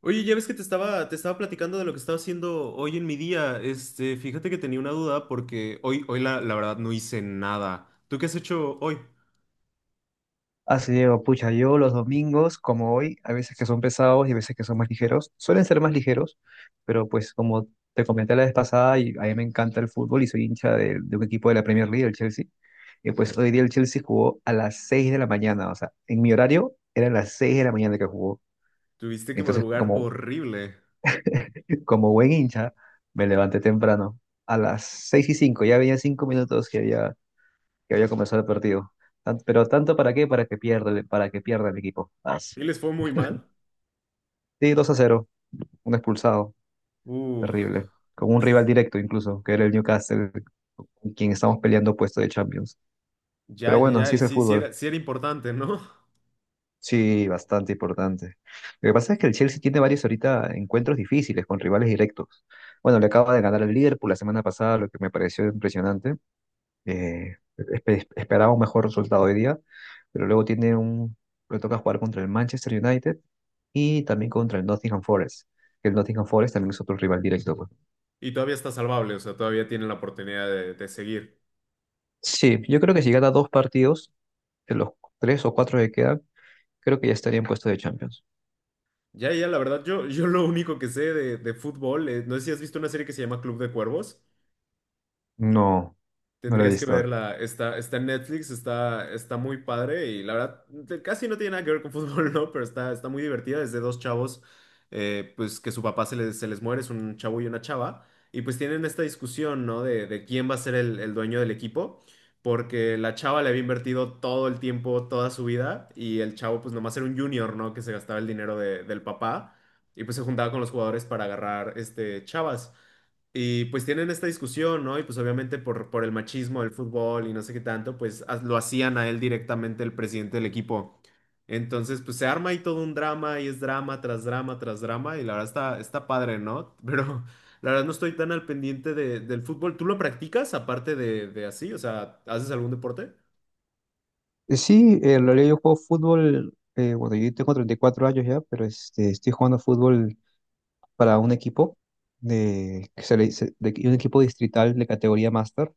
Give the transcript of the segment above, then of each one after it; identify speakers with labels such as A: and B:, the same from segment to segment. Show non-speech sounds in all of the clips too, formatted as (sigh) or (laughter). A: Oye, ya ves que te estaba platicando de lo que estaba haciendo hoy en mi día. Fíjate que tenía una duda porque hoy la verdad no hice nada. ¿Tú qué has hecho hoy?
B: Así Diego, pucha, yo los domingos, como hoy, a veces que son pesados y a veces que son más ligeros, suelen ser más ligeros, pero pues como te comenté la vez pasada, y a mí me encanta el fútbol y soy hincha de un equipo de la Premier League, el Chelsea, y pues hoy día el Chelsea jugó a las 6 de la mañana, o sea, en mi horario eran las 6 de la mañana que jugó,
A: Tuviste que
B: entonces
A: madrugar horrible.
B: como buen hincha me levanté temprano, a las 6:05. Ya había 5 minutos que que había comenzado el partido. Pero tanto para qué, para que pierda, para que pierda el equipo. Ah.
A: ¿Y les fue muy mal?
B: Sí, 2-0, un expulsado,
A: Uf,
B: terrible. Con un rival directo incluso, que era el Newcastle, con quien estamos peleando puesto de Champions.
A: ya,
B: Pero
A: ya,
B: bueno,
A: ya.
B: así
A: Y
B: es el
A: sí, sí
B: fútbol.
A: era, sí era importante, ¿no?
B: Sí, bastante importante. Lo que pasa es que el Chelsea tiene varios ahorita encuentros difíciles con rivales directos. Bueno, le acaba de ganar al Liverpool la semana pasada, lo que me pareció impresionante. Esperaba un mejor resultado hoy día, pero luego tiene un... Le toca jugar contra el Manchester United y también contra el Nottingham Forest. El Nottingham Forest también es otro rival directo, pues.
A: (laughs) Y todavía está salvable, o sea, todavía tienen la oportunidad de seguir.
B: Sí, yo creo que si gana dos partidos, de los tres o cuatro que quedan, creo que ya estaría en puesto de Champions.
A: Ya, ya, la verdad, yo lo único que sé de fútbol, no sé si has visto una serie que se llama Club de Cuervos.
B: No, no lo he
A: Tendrías que
B: visto.
A: verla. Está, está en Netflix, está, está muy padre, y la verdad casi no tiene nada que ver con fútbol, (laughs) ¿no? Pero está, está muy divertida. Es de dos chavos, pues que su papá se les muere. Es un chavo y una chava. Y pues tienen esta discusión, ¿no? De quién va a ser el dueño del equipo, porque la chava le había invertido todo el tiempo, toda su vida, y el chavo pues nomás era un junior, ¿no? Que se gastaba el dinero del papá y pues se juntaba con los jugadores para agarrar chavas. Y pues tienen esta discusión, ¿no? Y pues obviamente por el machismo del fútbol y no sé qué tanto, pues lo hacían a él directamente el presidente del equipo. Entonces, pues se arma ahí todo un drama, y es drama tras drama tras drama, y la verdad está, está padre, ¿no? (laughs) Pero la verdad no estoy tan al pendiente del fútbol. ¿Tú lo practicas aparte de así? O sea, ¿haces algún deporte?
B: Sí, en realidad yo juego fútbol, bueno, yo tengo 34 años ya, pero estoy jugando fútbol para un equipo, de, que se le dice- de un equipo distrital de categoría máster.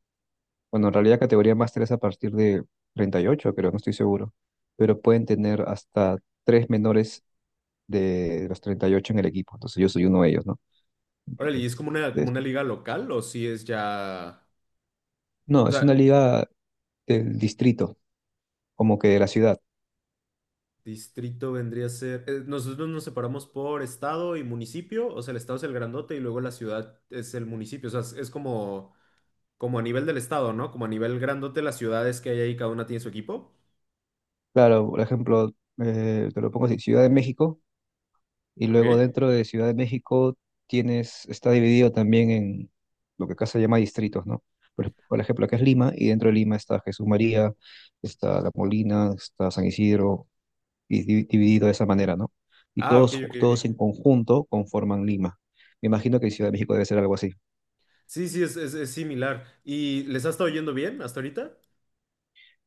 B: Bueno, en realidad categoría máster es a partir de 38, creo, no estoy seguro, pero pueden tener hasta tres menores de los 38 en el equipo, entonces yo soy uno de ellos, ¿no?
A: Órale, ¿y es como una liga local, o si es ya...
B: No,
A: O
B: es
A: sea,
B: una liga del distrito, como que de la ciudad.
A: distrito vendría a ser. Eh, nosotros nos separamos por estado y municipio. O sea, el estado es el grandote y luego la ciudad es el municipio. O sea, es como, como a nivel del estado, ¿no? Como a nivel grandote, las ciudades que hay ahí, cada una tiene su equipo.
B: Claro, por ejemplo, te lo pongo así, Ciudad de México, y luego
A: Ok.
B: dentro de Ciudad de México tienes, está dividido también en lo que acá se llama distritos, ¿no? Por ejemplo, acá es Lima, y dentro de Lima está Jesús María, está La Molina, está San Isidro, y dividido de esa manera, ¿no? Y
A: Ah, ok,
B: todos,
A: ok, ok.
B: todos en conjunto conforman Lima. Me imagino que Ciudad de México debe ser algo así.
A: Sí, sí, es similar. ¿Y les ha estado yendo bien hasta ahorita?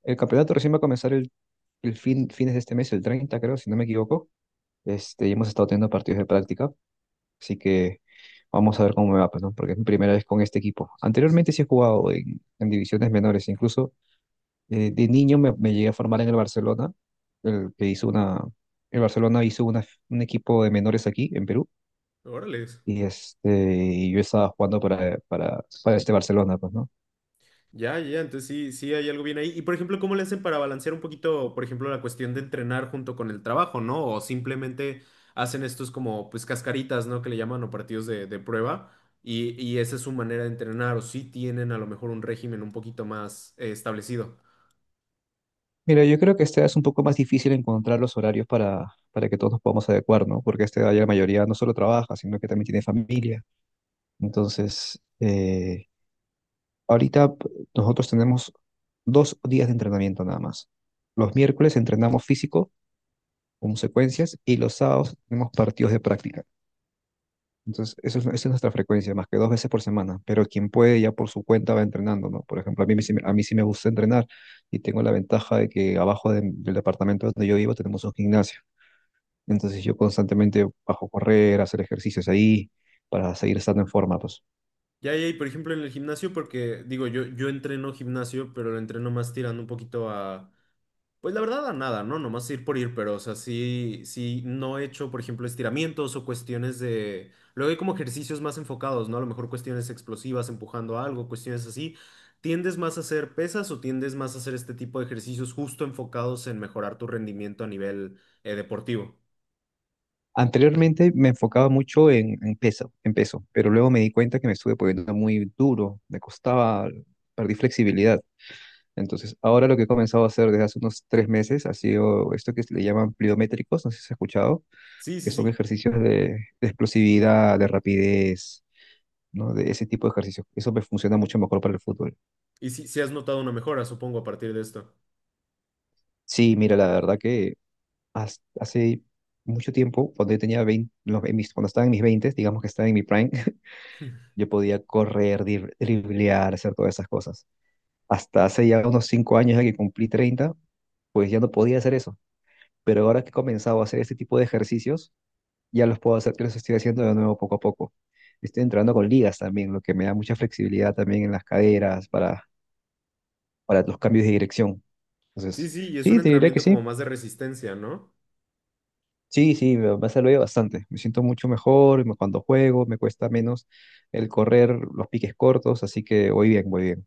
B: El campeonato recién va a comenzar fines de este mes, el 30, creo, si no me equivoco. Y hemos estado teniendo partidos de práctica, así que vamos a ver cómo me va, pues, ¿no? Porque es mi primera vez con este equipo. Anteriormente sí he jugado en divisiones menores, incluso de niño me llegué a formar en el Barcelona, el que hizo una, el Barcelona hizo un equipo de menores aquí en Perú,
A: Órale.
B: y y yo estaba jugando para este Barcelona, pues, ¿no?
A: Ya, ya, entonces sí, sí hay algo bien ahí. Y por ejemplo, ¿cómo le hacen para balancear un poquito, por ejemplo, la cuestión de entrenar junto con el trabajo, ¿no? O simplemente hacen estos como, pues, cascaritas, ¿no? Que le llaman, o partidos de prueba. Y esa es su manera de entrenar, o sí tienen a lo mejor un régimen un poquito más, establecido.
B: Mira, yo creo que este es un poco más difícil encontrar los horarios para que todos nos podamos adecuar, ¿no? Porque ya la mayoría no solo trabaja, sino que también tiene familia. Entonces, ahorita p- nosotros tenemos 2 días de entrenamiento nada más. Los miércoles entrenamos físico con secuencias y los sábados tenemos partidos de práctica. Entonces, esa es nuestra frecuencia, más que 2 veces por semana. Pero quien puede ya por su cuenta va entrenando, ¿no? Por ejemplo, a mí, a mí sí me gusta entrenar y tengo la ventaja de que abajo del departamento donde yo vivo tenemos un gimnasio. Entonces, yo constantemente bajo a correr, a hacer ejercicios ahí para seguir estando en forma, pues.
A: Ya, ya, y por ejemplo en el gimnasio, porque digo, yo entreno gimnasio, pero lo entreno más tirando un poquito a... Pues la verdad, a nada, ¿no? Nomás ir por ir, pero, o sea, sí, sí, no he hecho, por ejemplo, estiramientos o cuestiones de... Luego hay como ejercicios más enfocados, ¿no? A lo mejor cuestiones explosivas, empujando algo, cuestiones así. ¿Tiendes más a hacer pesas o tiendes más a hacer este tipo de ejercicios justo enfocados en mejorar tu rendimiento a nivel, deportivo?
B: Anteriormente me enfocaba mucho en peso, en peso, pero luego me di cuenta que me estuve poniendo muy duro, me costaba, perdí flexibilidad. Entonces, ahora lo que he comenzado a hacer desde hace unos 3 meses ha sido esto que se le llaman pliométricos, no sé si has escuchado,
A: Sí,
B: que
A: sí,
B: son
A: sí.
B: ejercicios de explosividad, de rapidez, ¿no? De ese tipo de ejercicios. Eso me funciona mucho mejor para el fútbol.
A: Y sí, sí has notado una mejora, supongo, a partir de esto.
B: Sí, mira, la verdad que hace mucho tiempo, cuando yo tenía 20, cuando estaba en mis 20, digamos que estaba en mi prime. Yo podía correr, driblear, hacer todas esas cosas. Hasta hace ya unos 5 años, ya que cumplí 30, pues ya no podía hacer eso. Pero ahora que he comenzado a hacer este tipo de ejercicios, ya los puedo hacer, los estoy haciendo de nuevo poco a poco. Estoy entrando con ligas también, lo que me da mucha flexibilidad también en las caderas para los cambios de dirección.
A: Sí,
B: Entonces,
A: sí, y es un
B: sí, te diré que
A: entrenamiento como
B: sí.
A: más de resistencia, ¿no?
B: Sí, sí, me ha servido bastante. Me siento mucho mejor cuando juego, me cuesta menos el correr los piques cortos, así que voy bien, voy bien.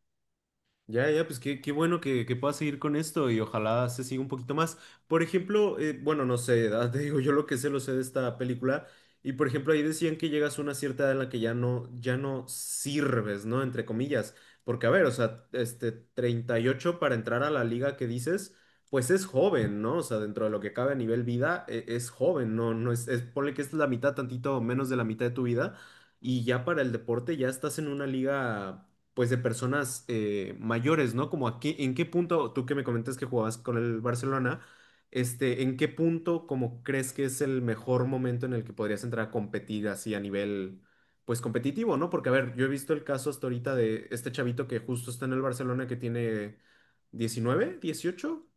A: Ya, ya, pues qué, qué bueno que puedas seguir con esto y ojalá se siga un poquito más. Por ejemplo, bueno, no sé, (laughs) ah, te digo, yo lo que sé lo sé de esta película, y por ejemplo ahí decían que llegas a una cierta edad en la que ya no, ya no sirves, ¿no? Entre comillas. Porque a ver, o sea, 38 para entrar a la liga que dices, pues es joven, ¿no? O sea, dentro de lo que cabe a nivel vida, es joven, ¿no? No es, es, ponle que es la mitad, tantito menos de la mitad de tu vida, y ya para el deporte ya estás en una liga pues de personas, mayores, ¿no? Como aquí. ¿En qué punto, tú que me comentas que jugabas con el Barcelona, en qué punto como crees que es el mejor momento en el que podrías entrar a competir así a nivel, pues competitivo, ¿no? Porque a ver, yo he visto el caso hasta ahorita de este chavito que justo está en el Barcelona que tiene 19, 18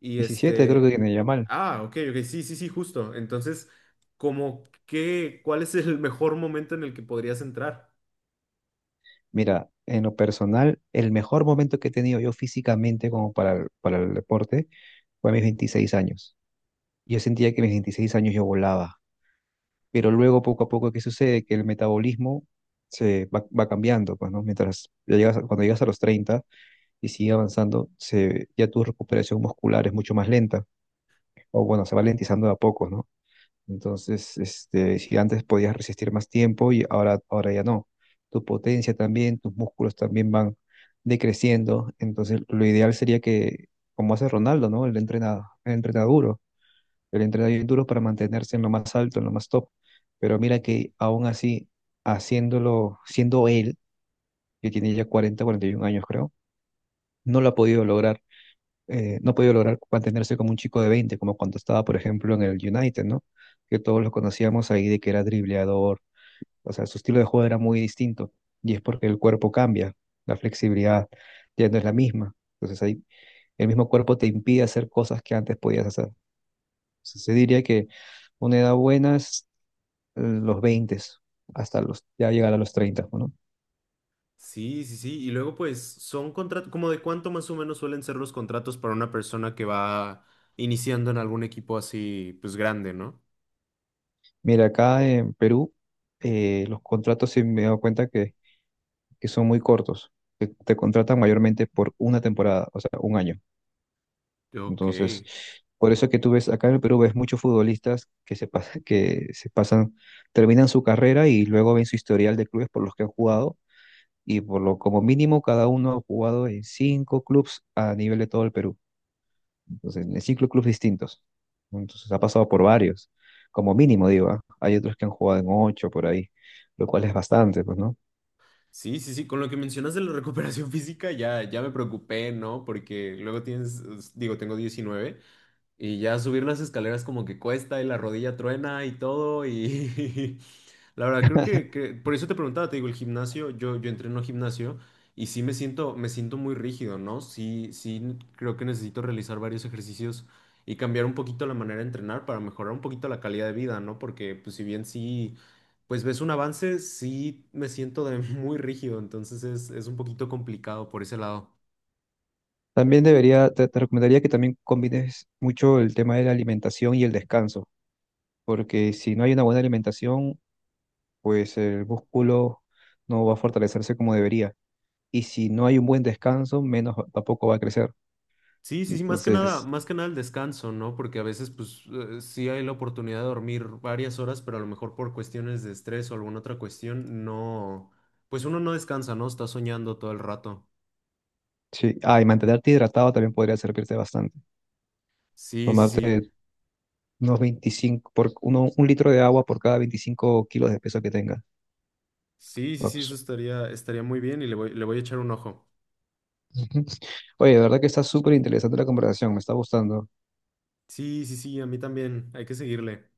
A: y
B: 17, creo que
A: este,
B: tiene ya.
A: ah, ok, ok, sí, sí, sí, justo. Entonces, como que, ¿cuál es el mejor momento en el que podrías entrar?
B: Mira, en lo personal, el mejor momento que he tenido yo físicamente como para el deporte fue a mis 26 años. Yo sentía que a mis 26 años yo volaba, pero luego poco a poco, ¿qué sucede? Que el metabolismo va cambiando, pues, ¿no? Mientras ya llegas, cuando llegas a los 30 y sigue avanzando, ya tu recuperación muscular es mucho más lenta, o bueno, se va lentizando de a poco, ¿no? Entonces, si antes podías resistir más tiempo y ahora ya no. Tu potencia también, tus músculos también van decreciendo. Entonces, lo ideal sería que, como hace Ronaldo, ¿no? Él entrena duro, él entrena bien duro para mantenerse en lo más alto, en lo más top. Pero mira que aún así, haciéndolo, siendo él, que tiene ya cuarenta y 41 años, creo, no lo ha podido lograr no ha podido lograr mantenerse como un chico de 20 como cuando estaba, por ejemplo, en el United, ¿no? Que todos lo conocíamos ahí de que era dribleador, o sea, su estilo de juego era muy distinto y es porque el cuerpo cambia, la flexibilidad ya no es la misma. Entonces ahí el mismo cuerpo te impide hacer cosas que antes podías hacer. Entonces, se diría que una edad buena es los 20 hasta los, ya llegar a los 30, ¿no?
A: Sí, sí, sí. Y luego, pues, son contratos, como de cuánto más o menos suelen ser los contratos para una persona que va iniciando en algún equipo así, pues, grande, ¿no?
B: Mira, acá en Perú, los contratos, sí me he dado cuenta que son muy cortos. Te contratan mayormente por una temporada, o sea, un año.
A: Ok.
B: Entonces, por eso es que tú ves acá en el Perú, ves muchos futbolistas que se pasan, terminan su carrera y luego ven su historial de clubes por los que han jugado y por lo como mínimo cada uno ha jugado en cinco clubes a nivel de todo el Perú. Entonces, en cinco clubes distintos. Entonces, ha pasado por varios, como mínimo, digo, ¿ah? Hay otros que han jugado en ocho por ahí, lo cual es bastante, pues, ¿no?
A: Sí, sí, sí. Con lo que mencionas de la recuperación (laughs) física, ya, ya me preocupé, ¿no? Porque luego tienes, digo, tengo 19. Y ya subir las escaleras como que cuesta y la rodilla truena y todo. Y (laughs) la verdad, creo por eso te preguntaba, te digo, el gimnasio, yo entreno gimnasio, y sí me siento muy rígido, ¿no? Sí, sí, creo que necesito realizar varios ejercicios y cambiar un poquito la manera de entrenar para mejorar un poquito la calidad de vida, ¿no? Porque pues si bien sí, pues ves un avance, sí me siento de (laughs) muy rígido. Entonces es un poquito complicado por ese lado.
B: También debería, te recomendaría que también combines mucho el tema de la alimentación y el descanso, porque si no hay una buena alimentación, pues el músculo no va a fortalecerse como debería. Y si no hay un buen descanso, menos tampoco va a crecer.
A: Sí, sí, sí,
B: Entonces,
A: más que nada el descanso, ¿no? Porque a veces, pues, sí hay la oportunidad de dormir varias horas, pero a lo mejor por cuestiones de estrés o alguna otra cuestión, no, pues uno no descansa, ¿no? Está soñando todo el rato.
B: sí. Ah, y mantenerte hidratado también podría servirte bastante.
A: Sí, sí, sí.
B: Tomarte unos un litro de agua por cada 25 kilos de peso que tengas.
A: Sí, sí, sí,
B: Ups.
A: eso estaría, estaría muy bien, y le voy a echar un ojo.
B: Ujú. (laughs) Oye, de verdad que está súper interesante la conversación, me está gustando.
A: Sí, sí, sí, a mí también. Hay que seguirle.